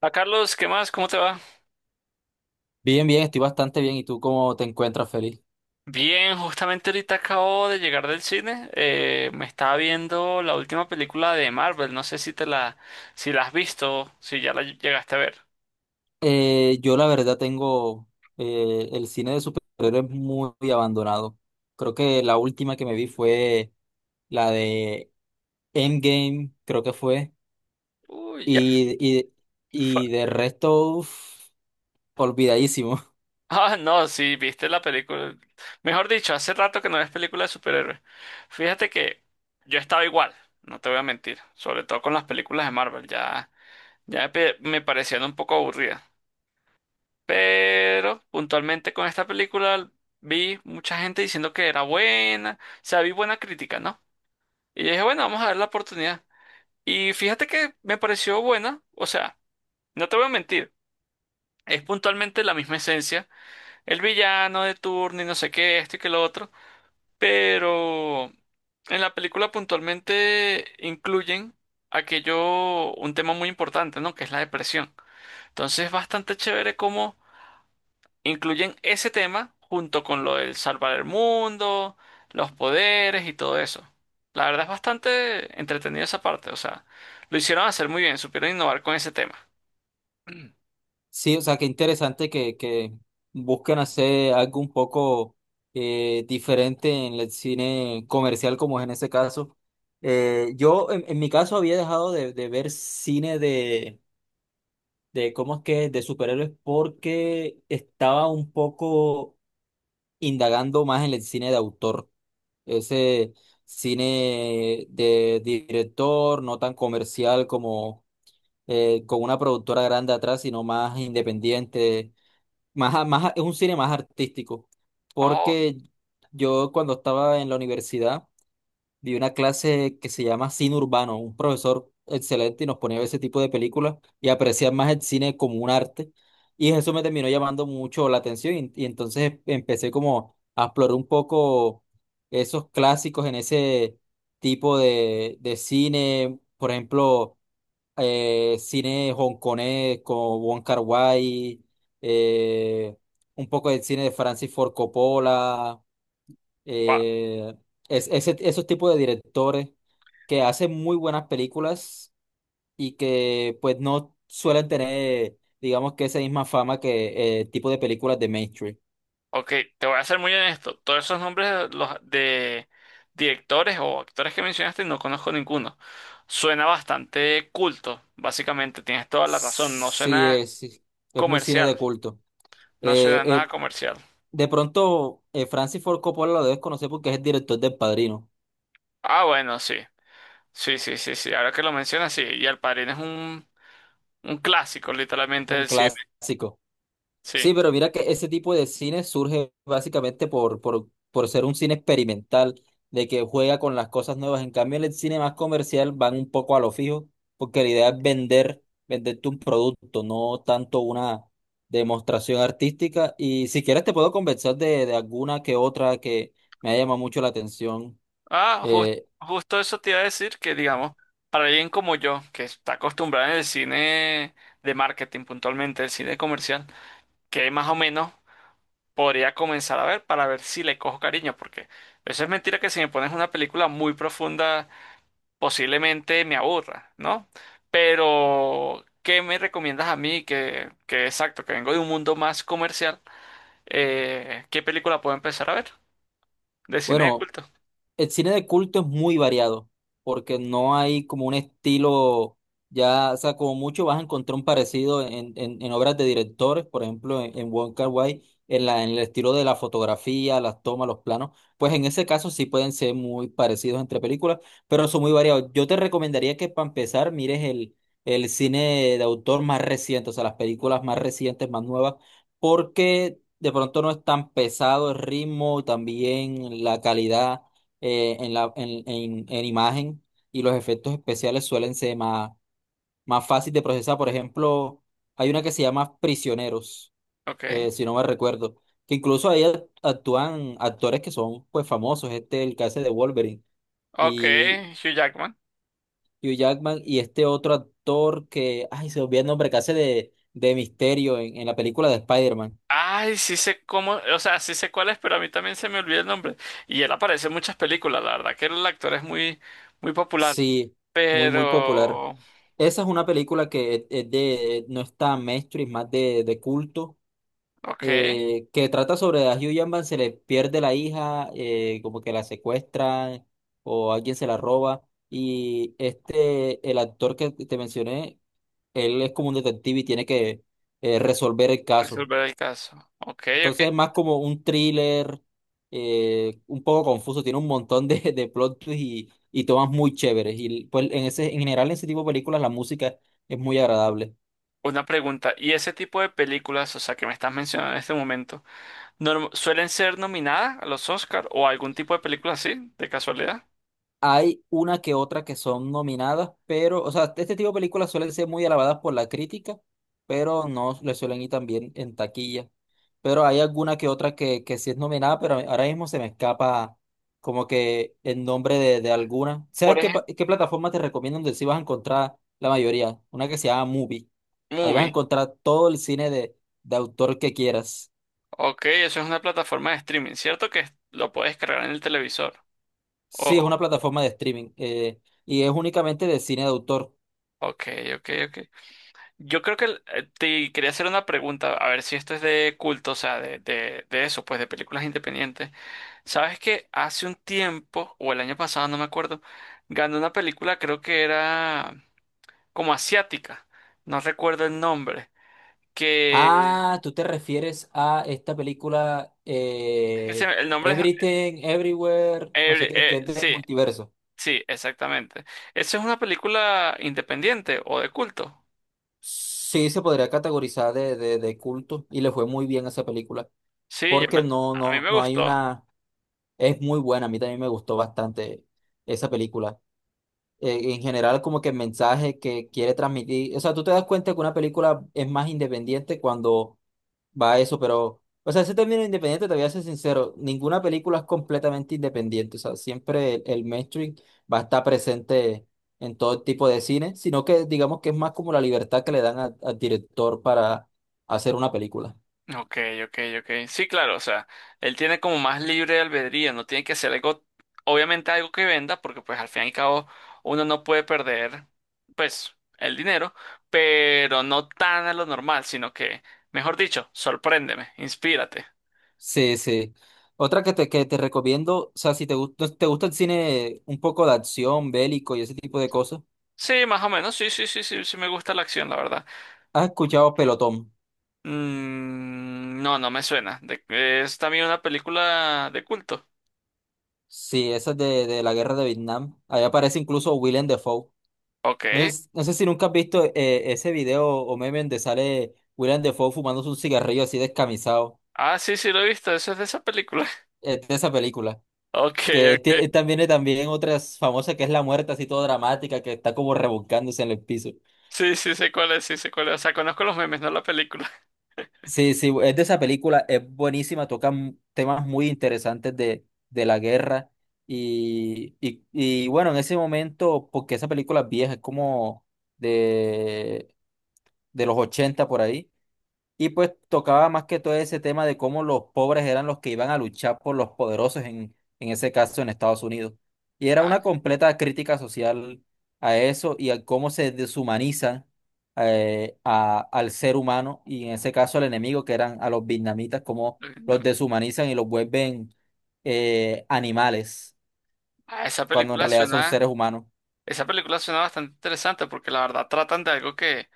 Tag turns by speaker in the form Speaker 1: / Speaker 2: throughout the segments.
Speaker 1: A Carlos, ¿qué más? ¿Cómo te va?
Speaker 2: Bien, bien, estoy bastante bien. ¿Y tú cómo te encuentras, Feliz?
Speaker 1: Bien, justamente ahorita acabo de llegar del cine. Me estaba viendo la última película de Marvel. No sé si te la, si la has visto, si ya la llegaste a ver.
Speaker 2: Yo la verdad tengo el cine de superhéroes muy abandonado. Creo que la última que me vi fue la de Endgame, creo que fue.
Speaker 1: Uy, ya.
Speaker 2: Y, y,
Speaker 1: fa-
Speaker 2: y de resto, uf, olvidadísimo.
Speaker 1: Ah, no, sí, viste la película. Mejor dicho, hace rato que no ves película de superhéroes. Fíjate que yo estaba igual, no te voy a mentir. Sobre todo con las películas de Marvel, ya, me parecían un poco aburridas. Pero puntualmente con esta película vi mucha gente diciendo que era buena, o sea, vi buena crítica, ¿no? Y yo dije, bueno, vamos a dar la oportunidad. Y fíjate que me pareció buena, o sea, no te voy a mentir, es puntualmente la misma esencia, el villano de turno y no sé qué, esto y que lo otro, pero en la película puntualmente incluyen aquello, un tema muy importante, ¿no? Que es la depresión. Entonces es bastante chévere como incluyen ese tema junto con lo del salvar el mundo, los poderes y todo eso. La verdad es bastante entretenida esa parte, o sea, lo hicieron hacer muy bien, supieron innovar con ese tema.
Speaker 2: Sí, o sea, qué interesante que busquen hacer algo un poco diferente en el cine comercial, como es en ese caso. Yo, en mi caso, había dejado de ver cine ¿cómo es que?, de superhéroes porque estaba un poco indagando más en el cine de autor. Ese cine de director, no tan comercial como con una productora grande atrás, sino más independiente es un cine más artístico,
Speaker 1: Oh,
Speaker 2: porque yo cuando estaba en la universidad vi una clase que se llama cine urbano, un profesor excelente y nos ponía ese tipo de películas y apreciar más el cine como un arte y eso me terminó llamando mucho la atención y, entonces empecé como a explorar un poco esos clásicos en ese tipo de cine, por ejemplo cine hongkonés como Wong Kar-wai, eh, un poco de cine de Francis Ford Coppola,
Speaker 1: va.
Speaker 2: eh, esos tipos de directores que hacen muy buenas películas y que pues no suelen tener, digamos que esa misma fama que tipo de películas de mainstream.
Speaker 1: Ok, te voy a ser muy honesto. Todos esos nombres de, los, de directores o actores que mencionaste no conozco ninguno. Suena bastante culto, básicamente. Tienes toda la razón. No suena
Speaker 2: Sí, es muy cine
Speaker 1: comercial.
Speaker 2: de culto.
Speaker 1: No
Speaker 2: Eh,
Speaker 1: suena nada
Speaker 2: eh,
Speaker 1: comercial.
Speaker 2: de pronto, Francis Ford Coppola lo debes conocer porque es el director del Padrino.
Speaker 1: Ah, bueno, sí. Sí, sí, sí, sí. Ahora que lo mencionas, sí. Y El Padrino es un clásico, literalmente,
Speaker 2: Un
Speaker 1: del cine.
Speaker 2: clásico.
Speaker 1: Sí.
Speaker 2: Sí, pero mira que ese tipo de cine surge básicamente por ser un cine experimental, de que juega con las cosas nuevas. En cambio, en el cine más comercial van un poco a lo fijo, porque la idea es vender, venderte un producto, no tanto una demostración artística. Y si quieres te puedo convencer de alguna que otra que me ha llamado mucho la atención.
Speaker 1: Ah, jus-
Speaker 2: Eh,
Speaker 1: Justo eso te iba a decir que, digamos, para alguien como yo, que está acostumbrado en el cine de marketing puntualmente, el cine comercial, que más o menos podría comenzar a ver para ver si le cojo cariño, porque eso es mentira que si me pones una película muy profunda, posiblemente me aburra, ¿no? Pero, ¿qué me recomiendas a mí que exacto, que vengo de un mundo más comercial? ¿Qué película puedo empezar a ver? De cine de
Speaker 2: bueno,
Speaker 1: culto.
Speaker 2: el cine de culto es muy variado, porque no hay como un estilo, ya, o sea, como mucho vas a encontrar un parecido en obras de directores, por ejemplo, en Wong Kar-wai, en la, en el estilo de la fotografía, las tomas, los planos, pues en ese caso sí pueden ser muy parecidos entre películas, pero son muy variados. Yo te recomendaría que para empezar mires el cine de autor más reciente, o sea, las películas más recientes, más nuevas, porque de pronto no es tan pesado el ritmo, también la calidad en la, en imagen y los efectos especiales suelen ser más, más fácil de procesar. Por ejemplo, hay una que se llama Prisioneros,
Speaker 1: Ok.
Speaker 2: si no me recuerdo, que incluso ahí actúan actores que son pues famosos, este el que hace de Wolverine
Speaker 1: Ok,
Speaker 2: y
Speaker 1: Hugh Jackman.
Speaker 2: Hugh Jackman y este otro actor que, ay, se me olvida el nombre, que hace de Misterio en la película de Spider-Man.
Speaker 1: Ay, sí sé cómo, o sea, sí sé cuál es, pero a mí también se me olvida el nombre. Y él aparece en muchas películas, la verdad que el actor es muy, muy popular.
Speaker 2: Sí, muy, muy popular.
Speaker 1: Pero,
Speaker 2: Esa es una película que es de, no está mainstream, más de culto,
Speaker 1: ok,
Speaker 2: que trata sobre a Hugh Jackman, se le pierde la hija, como que la secuestran o alguien se la roba. Y este, el actor que te mencioné, él es como un detective y tiene que resolver el caso.
Speaker 1: resolver el caso. Ok, ok.
Speaker 2: Entonces es más como un thriller, un poco confuso, tiene un montón de plot twists y tomas muy chéveres. Y pues en ese, en general en ese tipo de películas la música es muy agradable.
Speaker 1: Una pregunta, ¿y ese tipo de películas, o sea, que me estás mencionando en este momento, suelen ser nominadas a los Oscar o algún tipo de película así, de casualidad?
Speaker 2: Hay una que otra que son nominadas, pero, o sea, este tipo de películas suelen ser muy alabadas por la crítica, pero no le suelen ir tan bien en taquilla. Pero hay alguna que otra que sí es nominada, pero ahora mismo se me escapa como que el nombre de alguna.
Speaker 1: Por
Speaker 2: ¿Sabes qué,
Speaker 1: ejemplo,
Speaker 2: qué plataforma te recomiendo donde sí vas a encontrar la mayoría? Una que se llama Movie. Ahí vas a encontrar todo el cine de autor que quieras.
Speaker 1: ok, eso es una plataforma de streaming, ¿cierto? Que lo puedes cargar en el televisor.
Speaker 2: Sí, es
Speaker 1: Oh,
Speaker 2: una plataforma de streaming, y es únicamente de cine de autor.
Speaker 1: ok, ok, ok. Yo creo que te quería hacer una pregunta, a ver si esto es de culto, o sea, de eso, pues de películas independientes. ¿Sabes que hace un tiempo, o el año pasado, no me acuerdo, ganó una película, creo que era como asiática, no recuerdo el nombre, que...
Speaker 2: Ah, tú te refieres a esta película,
Speaker 1: que se El nombre es...
Speaker 2: Everything, Everywhere, no sé qué, que es del
Speaker 1: sí,
Speaker 2: multiverso.
Speaker 1: sí, exactamente. ¿Esa es una película independiente o de culto?
Speaker 2: Sí, se podría categorizar de culto y le fue muy bien a esa película,
Speaker 1: Sí, yo
Speaker 2: porque
Speaker 1: a mí me
Speaker 2: no hay
Speaker 1: gustó.
Speaker 2: una, es muy buena, a mí también me gustó bastante esa película. En general, como que el mensaje que quiere transmitir, o sea, tú te das cuenta que una película es más independiente cuando va eso. Pero, o sea, ese término independiente, te voy a ser sincero, ninguna película es completamente independiente, o sea, siempre el mainstream va a estar presente en todo tipo de cine, sino que digamos que es más como la libertad que le dan al director para hacer una película.
Speaker 1: Ok, ok, ok. Sí, claro, o sea, él tiene como más libre albedrío, no tiene que hacer algo, obviamente algo que venda, porque pues al fin y al cabo uno no puede perder, pues, el dinero, pero no tan a lo normal, sino que, mejor dicho, sorpréndeme, inspírate.
Speaker 2: Sí, sí. Otra que te recomiendo, o sea, si te gusta, te gusta el cine un poco de acción, bélico y ese tipo de cosas,
Speaker 1: Sí, más o menos, sí, sí, sí, sí, sí me gusta la acción, la verdad.
Speaker 2: ¿has escuchado Pelotón?
Speaker 1: Mm, no, no me suena. Es también una película de culto.
Speaker 2: Sí, esa es de la guerra de Vietnam. Ahí aparece incluso Willem Dafoe.
Speaker 1: Ok.
Speaker 2: No sé si nunca has visto ese video o meme donde sale William Defoe fumándose un cigarrillo así descamisado
Speaker 1: Ah, sí, sí, lo he visto, eso es de esa película.
Speaker 2: de esa película.
Speaker 1: Ok,
Speaker 2: Que
Speaker 1: ok.
Speaker 2: también también otra famosa que es La Muerte, así toda dramática, que está como revolcándose en el piso.
Speaker 1: Sí, sí, sé cuál es, sí, sé cuál es. O sea, conozco los memes, no la película.
Speaker 2: Sí, sí, es de esa película, es buenísima, toca temas muy interesantes de la guerra. Y bueno, en ese momento, porque esa película es vieja, es como de, de los 80 por ahí. Y pues tocaba más que todo ese tema de cómo los pobres eran los que iban a luchar por los poderosos, en ese caso en Estados Unidos. Y era
Speaker 1: Ah,
Speaker 2: una completa crítica social a eso y a cómo se deshumaniza al ser humano y en ese caso al enemigo, que eran a los vietnamitas, cómo
Speaker 1: no.
Speaker 2: los deshumanizan y los vuelven animales,
Speaker 1: Ah,
Speaker 2: cuando en realidad son seres humanos.
Speaker 1: esa película suena bastante interesante porque la verdad tratan de algo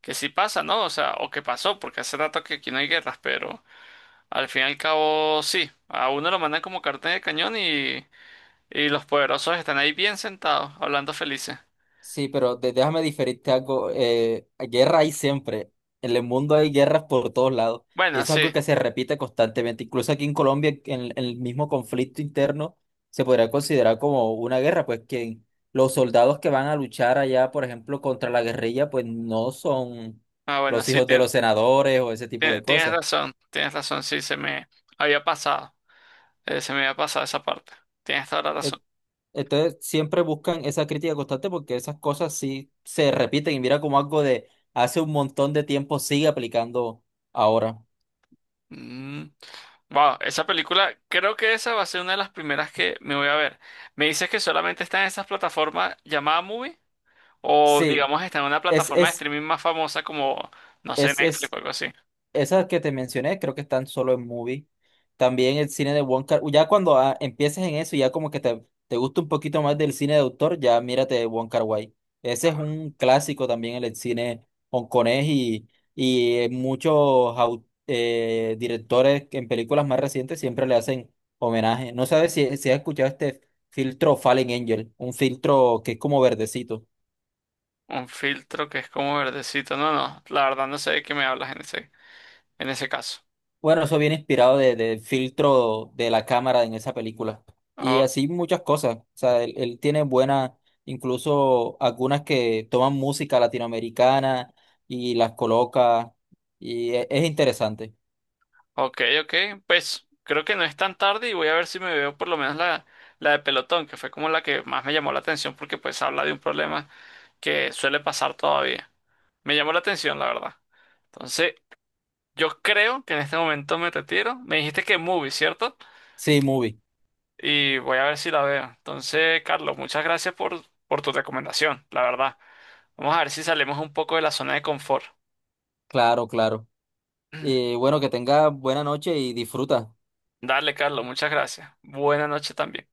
Speaker 1: que sí pasa, ¿no? O sea, o que pasó, porque hace rato que aquí no hay guerras, pero al fin y al cabo sí. A uno lo mandan como cartel de cañón y los poderosos están ahí bien sentados, hablando felices.
Speaker 2: Sí, pero déjame diferirte algo. Guerra hay siempre. En el mundo hay guerras por todos lados. Y
Speaker 1: Bueno,
Speaker 2: eso es
Speaker 1: sí.
Speaker 2: algo que se repite constantemente. Incluso aquí en Colombia, en el mismo conflicto interno, se podría considerar como una guerra, pues que los soldados que van a luchar allá, por ejemplo, contra la guerrilla, pues no son
Speaker 1: Ah, bueno,
Speaker 2: los
Speaker 1: sí,
Speaker 2: hijos de los senadores o ese tipo de cosas.
Speaker 1: tienes razón, sí, se me había pasado, se me había pasado esa parte. Tienes toda la razón.
Speaker 2: Entonces siempre buscan esa crítica constante porque esas cosas sí se repiten y mira como algo de hace un montón de tiempo sigue aplicando ahora.
Speaker 1: Mm. Wow, esa película, creo que esa va a ser una de las primeras que me voy a ver. ¿Me dices que solamente está en esas plataformas llamadas Movie? O
Speaker 2: Sí,
Speaker 1: digamos está en una
Speaker 2: es,
Speaker 1: plataforma de
Speaker 2: es,
Speaker 1: streaming más famosa como, no sé, Netflix o
Speaker 2: es
Speaker 1: algo así.
Speaker 2: esas que te mencioné, creo que están solo en movie. También el cine de Wong Kar. Ya cuando empieces en eso, ya como que te gusta un poquito más del cine de autor, ya mírate Wong Kar-wai. Ese es un clásico también en el cine hongkonés y muchos directores que en películas más recientes siempre le hacen homenaje. No sabes si has escuchado este filtro Fallen Angel, un filtro que es como verdecito.
Speaker 1: Un filtro que es como verdecito. No, no, la verdad no sé de qué me hablas en ese caso.
Speaker 2: Bueno, eso viene inspirado del filtro de la cámara en esa película. Y
Speaker 1: O-
Speaker 2: así muchas cosas. O sea, él tiene buenas, incluso algunas que toman música latinoamericana y las coloca. Y es interesante.
Speaker 1: ok, ok. Pues creo que no es tan tarde y voy a ver si me veo por lo menos la, la de Pelotón, que fue como la que más me llamó la atención porque pues habla de un problema que suele pasar todavía. Me llamó la atención, la verdad. Entonces, yo creo que en este momento me retiro. Me dijiste que movie, ¿cierto?
Speaker 2: Sí, movie.
Speaker 1: Y voy a ver si la veo. Entonces, Carlos, muchas gracias por tu recomendación, la verdad. Vamos a ver si salimos un poco de la zona de confort.
Speaker 2: Claro, claro. Y bueno, que tenga buena noche y disfruta.
Speaker 1: Dale, Carlos, muchas gracias. Buena noche también.